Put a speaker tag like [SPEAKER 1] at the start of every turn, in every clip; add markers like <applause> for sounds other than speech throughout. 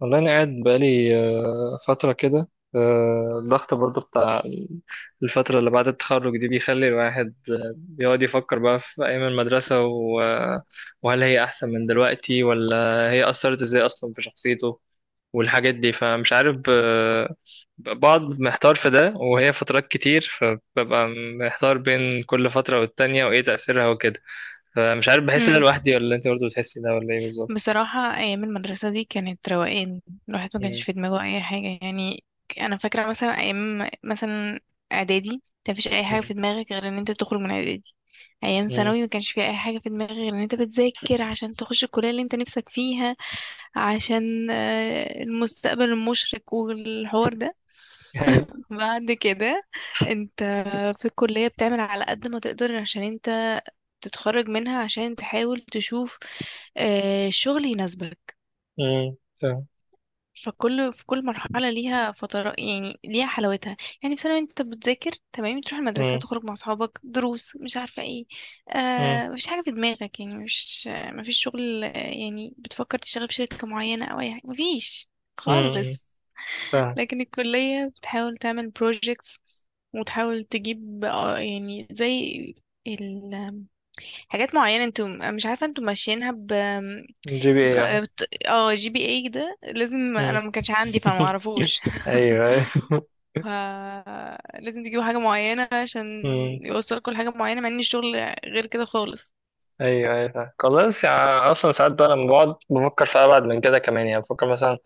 [SPEAKER 1] والله أنا قاعد بقالي فترة كده. الضغط برضو بتاع الفترة اللي بعد التخرج دي بيخلي الواحد بيقعد يفكر بقى في أيام المدرسة وهل هي أحسن من دلوقتي ولا هي أثرت إزاي أصلا في شخصيته والحاجات دي؟ فمش عارف، بقعد محتار في ده، وهي فترات كتير فببقى محتار بين كل فترة والتانية وإيه تأثيرها وكده. فمش عارف، بحس إن أنا
[SPEAKER 2] مم.
[SPEAKER 1] لوحدي ولا أنت برضو بتحسي ده ولا إيه بالظبط؟
[SPEAKER 2] بصراحة أيام المدرسة دي كانت روقان، الواحد ما كانش
[SPEAKER 1] مم.
[SPEAKER 2] في دماغه أي حاجة يعني. أنا فاكرة مثلا أيام مثلا إعدادي كان مفيش أي حاجة
[SPEAKER 1] مم.
[SPEAKER 2] في دماغك غير إن أنت تخرج من إعدادي. أيام
[SPEAKER 1] مم.
[SPEAKER 2] ثانوي ما كانش في أي حاجة في دماغك غير إن أنت بتذاكر عشان تخش الكلية اللي أنت نفسك فيها، عشان المستقبل المشرق والحوار ده.
[SPEAKER 1] <laughs>
[SPEAKER 2] <laughs> بعد كده أنت في الكلية بتعمل على قد ما تقدر عشان أنت تتخرج منها، عشان تحاول تشوف شغل يناسبك.
[SPEAKER 1] امم، فاهم.
[SPEAKER 2] فكل في كل مرحلة ليها فترة، يعني ليها حلاوتها. يعني في ثانوي انت بتذاكر تمام، تروح المدرسة،
[SPEAKER 1] امم.
[SPEAKER 2] تخرج مع اصحابك، دروس، مش عارفة ايه.
[SPEAKER 1] امم.
[SPEAKER 2] آه مفيش حاجة في دماغك، يعني مش مفيش شغل، يعني بتفكر تشتغل في شركة معينة او اي حاجة، مفيش
[SPEAKER 1] امم،
[SPEAKER 2] خالص.
[SPEAKER 1] فاهم.
[SPEAKER 2] لكن الكلية بتحاول تعمل projects وتحاول تجيب يعني زي حاجات معينة، انتوا مش عارفة انتوا ماشيينها ب
[SPEAKER 1] جي بي اي، اه.
[SPEAKER 2] جي بي اي. ده لازم،
[SPEAKER 1] امم
[SPEAKER 2] انا ما كانش عندي فما
[SPEAKER 1] <laughs>
[SPEAKER 2] اعرفوش.
[SPEAKER 1] ايوه، ايوه.
[SPEAKER 2] <laughs> ف لازم تجيبوا حاجة معينة عشان
[SPEAKER 1] امم.
[SPEAKER 2] يوصلكوا لحاجة معينة، مع ان الشغل غير كده خالص.
[SPEAKER 1] ايوه، ايوه، فاهم. خلاص، يعني اصلا ساعات بقى لما بقعد بفكر في ابعد من كده كمان، يعني بفكر مثلا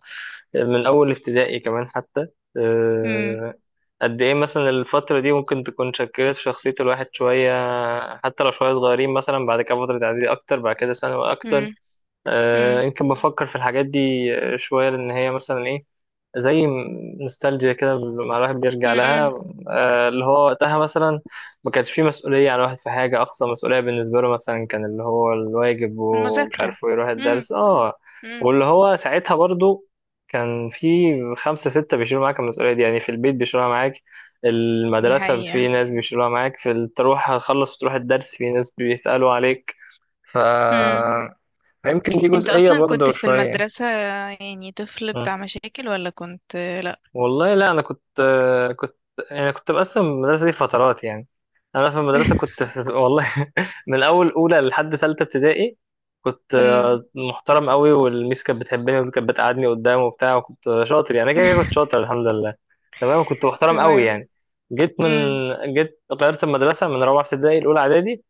[SPEAKER 1] من اول ابتدائي كمان حتى،
[SPEAKER 2] امم.
[SPEAKER 1] آه، قد ايه مثلا الفترة دي ممكن تكون شكلت شخصية الواحد شوية، حتى لو شوية صغيرين، مثلا بعد كده فترة اعدادي اكتر، بعد كده ثانوي اكتر.
[SPEAKER 2] امم. امم.
[SPEAKER 1] يمكن بفكر في الحاجات دي شوية، لأن هي مثلا إيه، زي نوستالجيا كده، مع الواحد بيرجع لها.
[SPEAKER 2] امم.
[SPEAKER 1] اللي هو وقتها مثلا ما كانش فيه مسؤولية على الواحد في حاجة، أقصى مسؤولية بالنسبة له مثلا كان اللي هو الواجب ومش
[SPEAKER 2] المذاكرة.
[SPEAKER 1] عارف ويروح
[SPEAKER 2] امم.
[SPEAKER 1] الدرس.
[SPEAKER 2] امم.
[SPEAKER 1] واللي هو ساعتها برضو كان في خمسة ستة بيشيلوا معاك المسؤولية دي، يعني في البيت بيشيلوها معاك،
[SPEAKER 2] دي
[SPEAKER 1] المدرسة
[SPEAKER 2] حقيقة.
[SPEAKER 1] في ناس بيشيلوها معاك، تروح تخلص وتروح الدرس في ناس بيسألوا عليك.
[SPEAKER 2] امم.
[SPEAKER 1] يمكن دي
[SPEAKER 2] انت
[SPEAKER 1] جزئية
[SPEAKER 2] اصلا كنت
[SPEAKER 1] برضه
[SPEAKER 2] في
[SPEAKER 1] شوية.
[SPEAKER 2] المدرسة يعني طفل
[SPEAKER 1] مم.
[SPEAKER 2] بتاع مشاكل ولا كنت لا؟
[SPEAKER 1] والله لا، أنا كنت، كنت كنت بقسم المدرسة دي فترات يعني. أنا في المدرسة كنت
[SPEAKER 2] <laughs>
[SPEAKER 1] والله <laughs> من أول أولى لحد تالتة ابتدائي كنت
[SPEAKER 2] امم.
[SPEAKER 1] محترم قوي، والميس كانت بتحبني وكانت بتقعدني قدام وبتاع، وكنت شاطر، يعني كده كده كنت
[SPEAKER 2] <laughs>
[SPEAKER 1] شاطر الحمد لله. تمام، كنت محترم قوي
[SPEAKER 2] تمام.
[SPEAKER 1] يعني. جيت من
[SPEAKER 2] امم.
[SPEAKER 1] جيت غيرت المدرسة من رابعة ابتدائي لأولى إعدادي.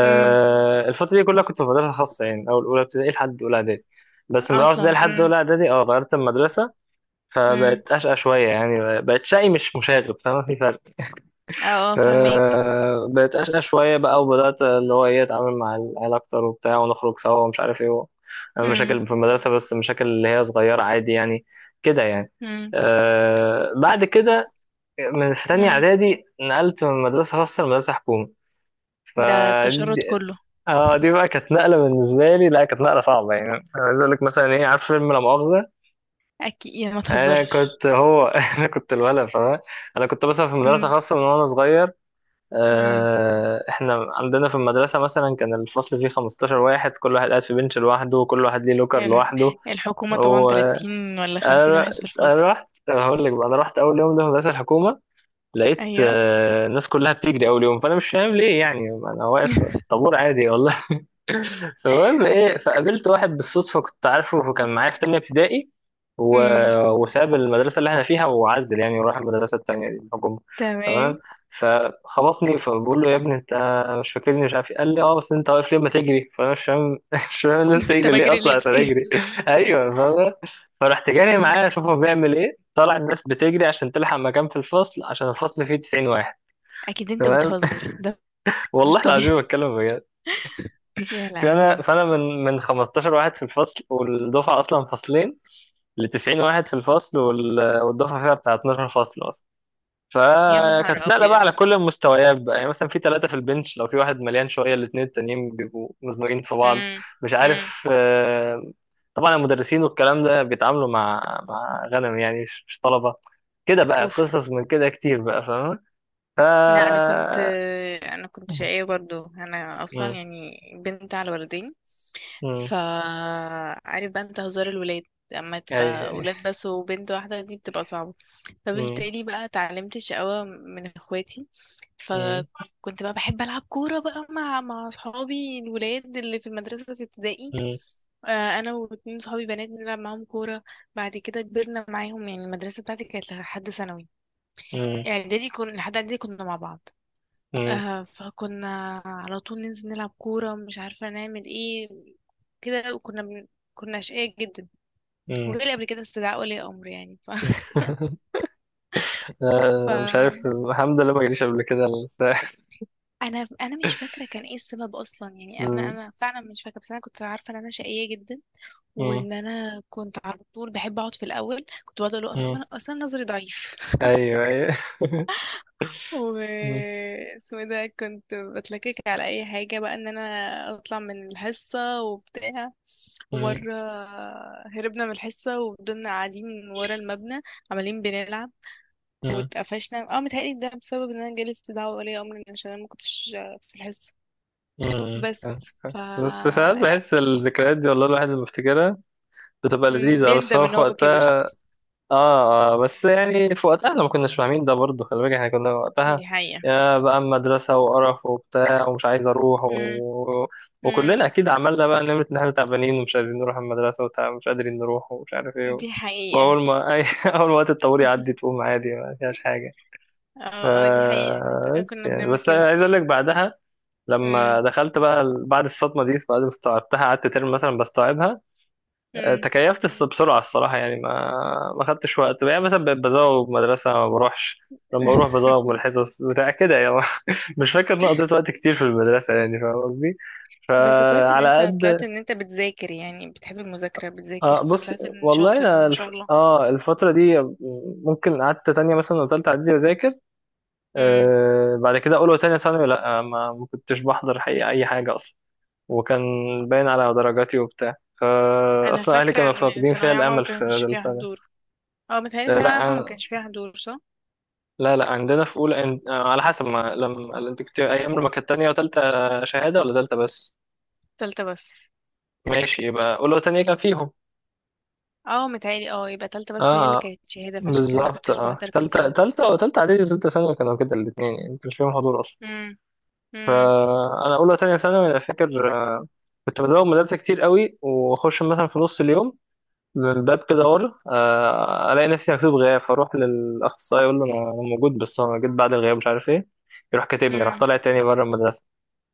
[SPEAKER 2] امم.
[SPEAKER 1] الفترة دي كلها كنت في مدرسة خاصة، يعني أول أولى ابتدائي لحد أولى إعدادي. بس من أولى ابتدائي
[SPEAKER 2] اصلا؟
[SPEAKER 1] لحد أولى إعدادي غيرت المدرسة،
[SPEAKER 2] امم.
[SPEAKER 1] فبقت أشقى شوية، يعني بقت شقي مش مشاغب، فما في فرق.
[SPEAKER 2] اه اه فهماك.
[SPEAKER 1] بقت أشقى شوية بقى، وبدأت اللي هو إيه أتعامل مع العيال أكتر وبتاع، ونخرج سوا ومش عارف إيه،
[SPEAKER 2] امم.
[SPEAKER 1] مشاكل في المدرسة، بس مشاكل اللي هي صغيرة عادي يعني، كده يعني.
[SPEAKER 2] امم.
[SPEAKER 1] بعد كده من في تانية
[SPEAKER 2] امم.
[SPEAKER 1] إعدادي نقلت من مدرسة خاصة لمدرسة حكومة. ف
[SPEAKER 2] ده التشرد كله؟
[SPEAKER 1] اه، دي بقى كانت نقله بالنسبه لي، لا كانت نقله صعبه يعني. انا عايز اقول لك مثلا ايه، عارف فيلم لا مؤاخذه؟
[SPEAKER 2] اكيد، يا ما
[SPEAKER 1] انا
[SPEAKER 2] تهزرش.
[SPEAKER 1] كنت هو <laughs> انا كنت الولد فاهم. انا كنت مثلا في مدرسه
[SPEAKER 2] امم.
[SPEAKER 1] خاصه من وانا صغير.
[SPEAKER 2] امم.
[SPEAKER 1] احنا عندنا في المدرسه مثلا كان الفصل فيه 15 واحد، كل واحد قاعد في بنش لوحده، وكل واحد ليه لوكر
[SPEAKER 2] ال-
[SPEAKER 1] لوحده.
[SPEAKER 2] الحكومة طبعا
[SPEAKER 1] وانا
[SPEAKER 2] 30 ولا 50 واحد في الفصل.
[SPEAKER 1] انا أنا هقول لك بقى، انا رحت اول يوم ده في مدرسه الحكومه، لقيت
[SPEAKER 2] ايوه.
[SPEAKER 1] الناس كلها بتجري اول يوم، فانا مش فاهم ليه، يعني انا واقف في
[SPEAKER 2] <laughs>
[SPEAKER 1] الطابور عادي والله. فالمهم ايه، فقابلت واحد بالصدفه كنت عارفه، فكان معايا في تانية ابتدائي و...
[SPEAKER 2] امم.
[SPEAKER 1] وساب المدرسه اللي احنا فيها وعزل يعني، وراح المدرسه التانية دي الحكومه. تمام،
[SPEAKER 2] تمام.
[SPEAKER 1] فخبطني، فبقول له يا ابني انت مش فاكرني، مش عارف إيه. قال لي اه، بس انت واقف ليه ما تجري؟ فانا مش فاهم <laughs> مش فاهم
[SPEAKER 2] <laughs>
[SPEAKER 1] الناس
[SPEAKER 2] انت
[SPEAKER 1] تجري ليه
[SPEAKER 2] بجري
[SPEAKER 1] اصلا
[SPEAKER 2] ليه؟
[SPEAKER 1] عشان
[SPEAKER 2] <laughs>
[SPEAKER 1] اجري. <laughs> ايوه فاهم. فرحت جاري
[SPEAKER 2] امم.
[SPEAKER 1] معاه اشوف هو بيعمل ايه، طلع الناس بتجري عشان تلحق مكان في الفصل، عشان الفصل فيه 90 واحد.
[SPEAKER 2] اكيد انت
[SPEAKER 1] تمام.
[SPEAKER 2] بتهزر ده،
[SPEAKER 1] <laughs>
[SPEAKER 2] مش
[SPEAKER 1] والله العظيم
[SPEAKER 2] طبيعي.
[SPEAKER 1] بتكلم بجد.
[SPEAKER 2] <laughs> يا
[SPEAKER 1] فانا
[SPEAKER 2] لهوي،
[SPEAKER 1] فانا من 15 واحد في الفصل والدفعه اصلا فصلين، ل 90 واحد في الفصل، والدفعه فيها بتاع 12 فصل اصلا.
[SPEAKER 2] يا نهار
[SPEAKER 1] فكانت نقله بقى
[SPEAKER 2] ابيض.
[SPEAKER 1] على كل المستويات بقى، يعني مثلا في ثلاثه في البنش، لو في واحد مليان شويه الاثنين التانيين بيبقوا مزمجين في بعض،
[SPEAKER 2] امم.
[SPEAKER 1] مش
[SPEAKER 2] امم.
[SPEAKER 1] عارف. طبعا المدرسين والكلام ده بيتعاملوا مع غنم يعني، مش طلبه، كده بقى.
[SPEAKER 2] اوف.
[SPEAKER 1] قصص من كده كتير بقى فاهم. ف
[SPEAKER 2] لا، انا كنت
[SPEAKER 1] مم.
[SPEAKER 2] شقية برضو، انا اصلا
[SPEAKER 1] مم.
[SPEAKER 2] يعني بنت على ولدين،
[SPEAKER 1] مم.
[SPEAKER 2] فعارف بقى انت هزار الولاد. اما
[SPEAKER 1] اي،
[SPEAKER 2] تبقى
[SPEAKER 1] أي.
[SPEAKER 2] ولاد بس وبنت واحدة دي بتبقى صعبة.
[SPEAKER 1] مم.
[SPEAKER 2] فبالتالي بقى اتعلمت الشقاوة من اخواتي.
[SPEAKER 1] مم.
[SPEAKER 2] فكنت بقى بحب العب كورة بقى مع اصحابي الولاد اللي في المدرسة في ابتدائي. انا واتنين صحابي بنات بنلعب معاهم كورة. بعد كده كبرنا معاهم، يعني المدرسة بتاعتي كانت لحد ثانوي،
[SPEAKER 1] مم.
[SPEAKER 2] يعني اعدادي كنا، لحد اعدادي كنا مع بعض.
[SPEAKER 1] مم.
[SPEAKER 2] آه فكنا على طول ننزل نلعب كورة، مش عارفة نعمل ايه كده. كنا أشقياء جدا.
[SPEAKER 1] مم.
[SPEAKER 2] وجالي قبل كده استدعاء ولي أمر يعني ف... <laughs>
[SPEAKER 1] <laughs>
[SPEAKER 2] ف...
[SPEAKER 1] لا، مش عارف، الحمد لله ما جاليش قبل كده الساحل.
[SPEAKER 2] أنا مش فاكرة كان ايه السبب أصلا، يعني أنا
[SPEAKER 1] مم.
[SPEAKER 2] أنا فعلا مش فاكرة، بس أنا كنت عارفة إن أنا شقية جدا،
[SPEAKER 1] مم.
[SPEAKER 2] وإن أنا كنت على طول بحب أقعد في الأول. كنت بقعد أقول له
[SPEAKER 1] مم.
[SPEAKER 2] أصلا نظري ضعيف.
[SPEAKER 1] ايوه، ايوه.
[SPEAKER 2] و
[SPEAKER 1] مم.
[SPEAKER 2] اسمه ده، كنت بتلكك على اي حاجة بقى ان انا اطلع من الحصة وبتاع.
[SPEAKER 1] مم.
[SPEAKER 2] ومرة هربنا من الحصة وفضلنا قاعدين ورا المبنى عمالين بنلعب،
[SPEAKER 1] مم.
[SPEAKER 2] واتقفشنا. اه متهيألي ده بسبب ان انا جالس دعوة ولي امر عشان انا ما كنتش في الحصة.
[SPEAKER 1] مم.
[SPEAKER 2] بس ف
[SPEAKER 1] بس ساعات
[SPEAKER 2] لا.
[SPEAKER 1] بحس الذكريات دي، والله الواحد لما بيفتكرها بتبقى
[SPEAKER 2] مم،
[SPEAKER 1] لذيذة، بس
[SPEAKER 2] بيندم
[SPEAKER 1] هو
[SPEAKER 2] ان
[SPEAKER 1] في
[SPEAKER 2] هو
[SPEAKER 1] وقتها.
[SPEAKER 2] كبر.
[SPEAKER 1] اه. بس يعني في وقتها احنا ما كناش فاهمين ده برضه، خلي بالك احنا كنا وقتها
[SPEAKER 2] دي حقيقة.
[SPEAKER 1] يا بقى مدرسة وقرف وبتاع، ومش عايز اروح
[SPEAKER 2] مم. مم.
[SPEAKER 1] وكلنا اكيد عملنا بقى نمرة ان احنا تعبانين، ومش عايزين نروح المدرسة، ومش قادرين نروح، ومش عارف ايه
[SPEAKER 2] دي حقيقة.
[SPEAKER 1] واول ما <laughs> اول ما وقت الطابور يعدي
[SPEAKER 2] <laughs>
[SPEAKER 1] تقوم عادي، ما فيهاش حاجة. ف...
[SPEAKER 2] اه اه دي حقيقة، احنا كنا
[SPEAKER 1] بس
[SPEAKER 2] كنا
[SPEAKER 1] يعني،
[SPEAKER 2] بنعمل
[SPEAKER 1] بس أنا
[SPEAKER 2] كده.
[SPEAKER 1] عايز اقول لك بعدها، لما
[SPEAKER 2] مم.
[SPEAKER 1] دخلت بقى بعد الصدمة دي، بعد ما استوعبتها، قعدت ترم مثلا بستوعبها.
[SPEAKER 2] مم.
[SPEAKER 1] تكيفت بسرعة الصراحة، يعني ما خدتش وقت، يعني مثلا بقيت بزوغ من المدرسة ما بروحش، لما بروح
[SPEAKER 2] <laughs>
[SPEAKER 1] بزوغ من الحصص بتاع كده يعني. <laughs> مش فاكر إن أنا قضيت وقت كتير في المدرسة، يعني فاهم قصدي؟
[SPEAKER 2] بس كويس ان
[SPEAKER 1] فعلى
[SPEAKER 2] انت طلعت
[SPEAKER 1] قد.
[SPEAKER 2] ان انت بتذاكر، يعني بتحب المذاكرة، بتذاكر
[SPEAKER 1] آه، بص،
[SPEAKER 2] فطلعت ان
[SPEAKER 1] والله
[SPEAKER 2] شاطر
[SPEAKER 1] أنا
[SPEAKER 2] ما شاء الله.
[SPEAKER 1] الفترة دي ممكن قعدت تانية مثلا وتالتة إعدادي بذاكر،
[SPEAKER 2] امم.
[SPEAKER 1] بعد كده أولى وتانية ثانوي لأ، ما كنتش بحضر حقيقة أي حاجة أصلا، وكان باين على درجاتي وبتاع، فا
[SPEAKER 2] انا
[SPEAKER 1] أصلا أهلي
[SPEAKER 2] فاكرة
[SPEAKER 1] كانوا
[SPEAKER 2] ان
[SPEAKER 1] فاقدين فيها
[SPEAKER 2] ثانوية عامة ما
[SPEAKER 1] الأمل في
[SPEAKER 2] كانش فيها
[SPEAKER 1] السنة.
[SPEAKER 2] حضور. اه متهيألي ثانوية عامة ما
[SPEAKER 1] لا،
[SPEAKER 2] كانش فيها حضور، صح؟
[SPEAKER 1] لا، لا، عندنا في اولى إن... آه، على حسب ما، لما انت كنت ايام، لما كانت تانية وتالتة شهادة ولا تالتة بس؟
[SPEAKER 2] تالتة بس.
[SPEAKER 1] ماشي، يبقى اولى وتانية كان فيهم.
[SPEAKER 2] اه متهيألي، اه يبقى تالتة
[SPEAKER 1] اه،
[SPEAKER 2] بس هي اللي
[SPEAKER 1] آه،
[SPEAKER 2] كانت شهادة، فعشان كده ما
[SPEAKER 1] بالظبط،
[SPEAKER 2] كنتش
[SPEAKER 1] اه،
[SPEAKER 2] بحضر
[SPEAKER 1] تالتة
[SPEAKER 2] كتير.
[SPEAKER 1] تالتة وتالتة اعدادي وتالتة ثانوي كانوا كده الاتنين، يعني ما كانش فيهم حضور اصلا.
[SPEAKER 2] امم. امم.
[SPEAKER 1] فانا اولى وتانية ثانوي انا فاكر كنت بزوغ مدرسة كتير قوي، واخش مثلا في نص اليوم من الباب كده ورا، الاقي نفسي مكتوب غياب، فاروح للاخصائي اقول له انا موجود، بس انا جيت بعد الغياب مش عارف ايه، يروح كاتبني، راح
[SPEAKER 2] امم.
[SPEAKER 1] طالع تاني بره المدرسه.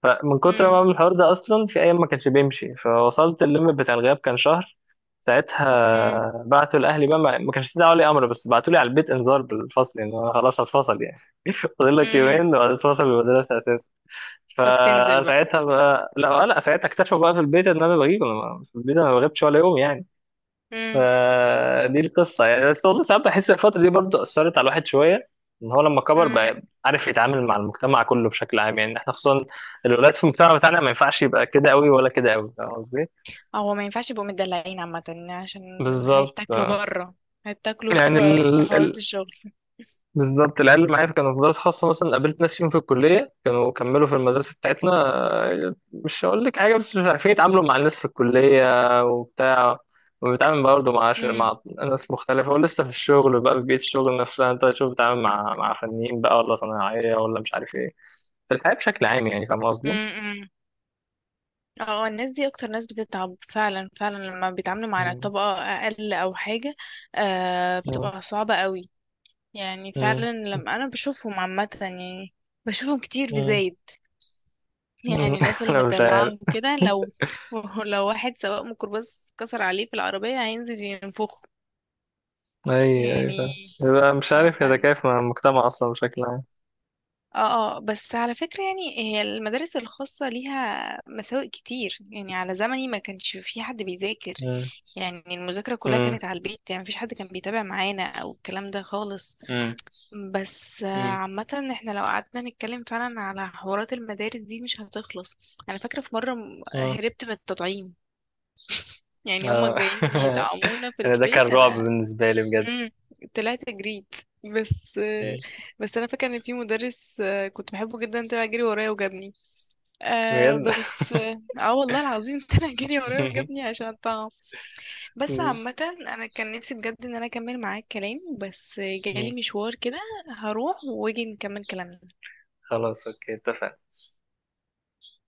[SPEAKER 1] فمن كتر ما
[SPEAKER 2] امم.
[SPEAKER 1] بعمل الحوار ده، اصلا في ايام ما كانش بيمشي، فوصلت الليمت بتاع الغياب كان شهر،
[SPEAKER 2] امم.
[SPEAKER 1] ساعتها بعتوا لاهلي بقى، ما كانش استدعوا لي امر، بس بعتوا لي على البيت انذار بالفصل، ان انا خلاص هتفصل يعني. <laughs> فاضل لك
[SPEAKER 2] امم.
[SPEAKER 1] يومين وهتتفصل من المدرسه اساسا.
[SPEAKER 2] طب تنزل بقى.
[SPEAKER 1] فساعتها بقى، لا لا، ساعتها اكتشفوا بقى في البيت ان انا بغيب، انا في البيت انا ما بغيبش ولا يوم يعني.
[SPEAKER 2] امم.
[SPEAKER 1] فدي القصة يعني. بس والله ساعات بحس الفترة دي برضه أثرت على الواحد شوية، إن هو لما كبر
[SPEAKER 2] امم.
[SPEAKER 1] بقى عارف يتعامل مع المجتمع كله بشكل عام. يعني إحنا خصوصا الولاد في المجتمع بتاعنا ما ينفعش يبقى كده أوي ولا كده أوي، فاهم قصدي؟
[SPEAKER 2] هو ما ينفعش يبقوا مدلعين عامة، عشان
[SPEAKER 1] بالظبط.
[SPEAKER 2] هيتاكلوا بره، هيتاكلوا
[SPEAKER 1] يعني
[SPEAKER 2] في حوارات الشغل.
[SPEAKER 1] بالظبط، العيال اللي معايا كانوا في مدارس خاصة مثلا، قابلت ناس فيهم في الكلية كانوا كملوا في المدرسة بتاعتنا، مش هقول لك حاجة، بس مش عارفين يتعاملوا مع الناس في الكلية وبتاع، وبيتعامل برضه مع ناس مختلفة، ولسه في الشغل بقى، في بيئة الشغل نفسها انت تشوف بتتعامل مع فنيين بقى، ولا صناعية، ولا مش عارف ايه، في الحياة بشكل عام، يعني فاهم قصدي؟ <laughs>
[SPEAKER 2] امم. اه الناس دي اكتر ناس بتتعب، فعلا لما بيتعاملوا مع
[SPEAKER 1] مم.
[SPEAKER 2] طبقة اقل او حاجة. آه
[SPEAKER 1] مم.
[SPEAKER 2] بتبقى صعبة قوي. يعني
[SPEAKER 1] مم.
[SPEAKER 2] فعلا لما انا بشوفهم عامة يعني، بشوفهم كتير في
[SPEAKER 1] مم.
[SPEAKER 2] زايد،
[SPEAKER 1] مم.
[SPEAKER 2] يعني الناس
[SPEAKER 1] <laughs>
[SPEAKER 2] اللي
[SPEAKER 1] انا مش عارف.
[SPEAKER 2] مدلعة وكده. لو <laughs> لو واحد سواق ميكروباص كسر عليه في العربية هينزل ينفخه
[SPEAKER 1] ايوه، ايوه،
[SPEAKER 2] يعني.
[SPEAKER 1] فاهم. يبقى مش
[SPEAKER 2] آه،
[SPEAKER 1] عارف يتكيف مع المجتمع اصلا بشكل عام.
[SPEAKER 2] اه اه بس على فكرة، يعني هي المدارس الخاصة ليها مساوئ كتير، يعني على زمني ما كانش في حد بيذاكر.
[SPEAKER 1] مم.
[SPEAKER 2] يعني المذاكرة كلها
[SPEAKER 1] مم.
[SPEAKER 2] كانت على البيت، يعني مفيش حد كان بيتابع معانا او الكلام ده خالص.
[SPEAKER 1] مم.
[SPEAKER 2] بس
[SPEAKER 1] مم.
[SPEAKER 2] عامة احنا لو قعدنا نتكلم فعلا على حوارات المدارس دي مش هتخلص. انا فاكرة في مرة
[SPEAKER 1] مم.
[SPEAKER 2] هربت من التطعيم. يعني هما
[SPEAKER 1] آه.
[SPEAKER 2] جايين
[SPEAKER 1] <laughs>
[SPEAKER 2] يطعمونا في
[SPEAKER 1] انا ده كان
[SPEAKER 2] البيت،
[SPEAKER 1] رعب
[SPEAKER 2] انا
[SPEAKER 1] بالنسبة لي بجد.
[SPEAKER 2] امم طلعت جريت. بس
[SPEAKER 1] مم.
[SPEAKER 2] بس انا فاكره ان في مدرس كنت بحبه جدا طلع جري ورايا وجابني. آه
[SPEAKER 1] بجد.
[SPEAKER 2] بس اه آه والله العظيم <laughs> طلع جري ورايا وجابني
[SPEAKER 1] <laughs>
[SPEAKER 2] عشان الطعام. بس
[SPEAKER 1] مم.
[SPEAKER 2] عامه انا كان نفسي بجد ان انا اكمل معاك كلام، بس جالي
[SPEAKER 1] مم.
[SPEAKER 2] مشوار كده. هروح واجي نكمل كلامنا.
[SPEAKER 1] خلاص، اوكي، اتفقنا.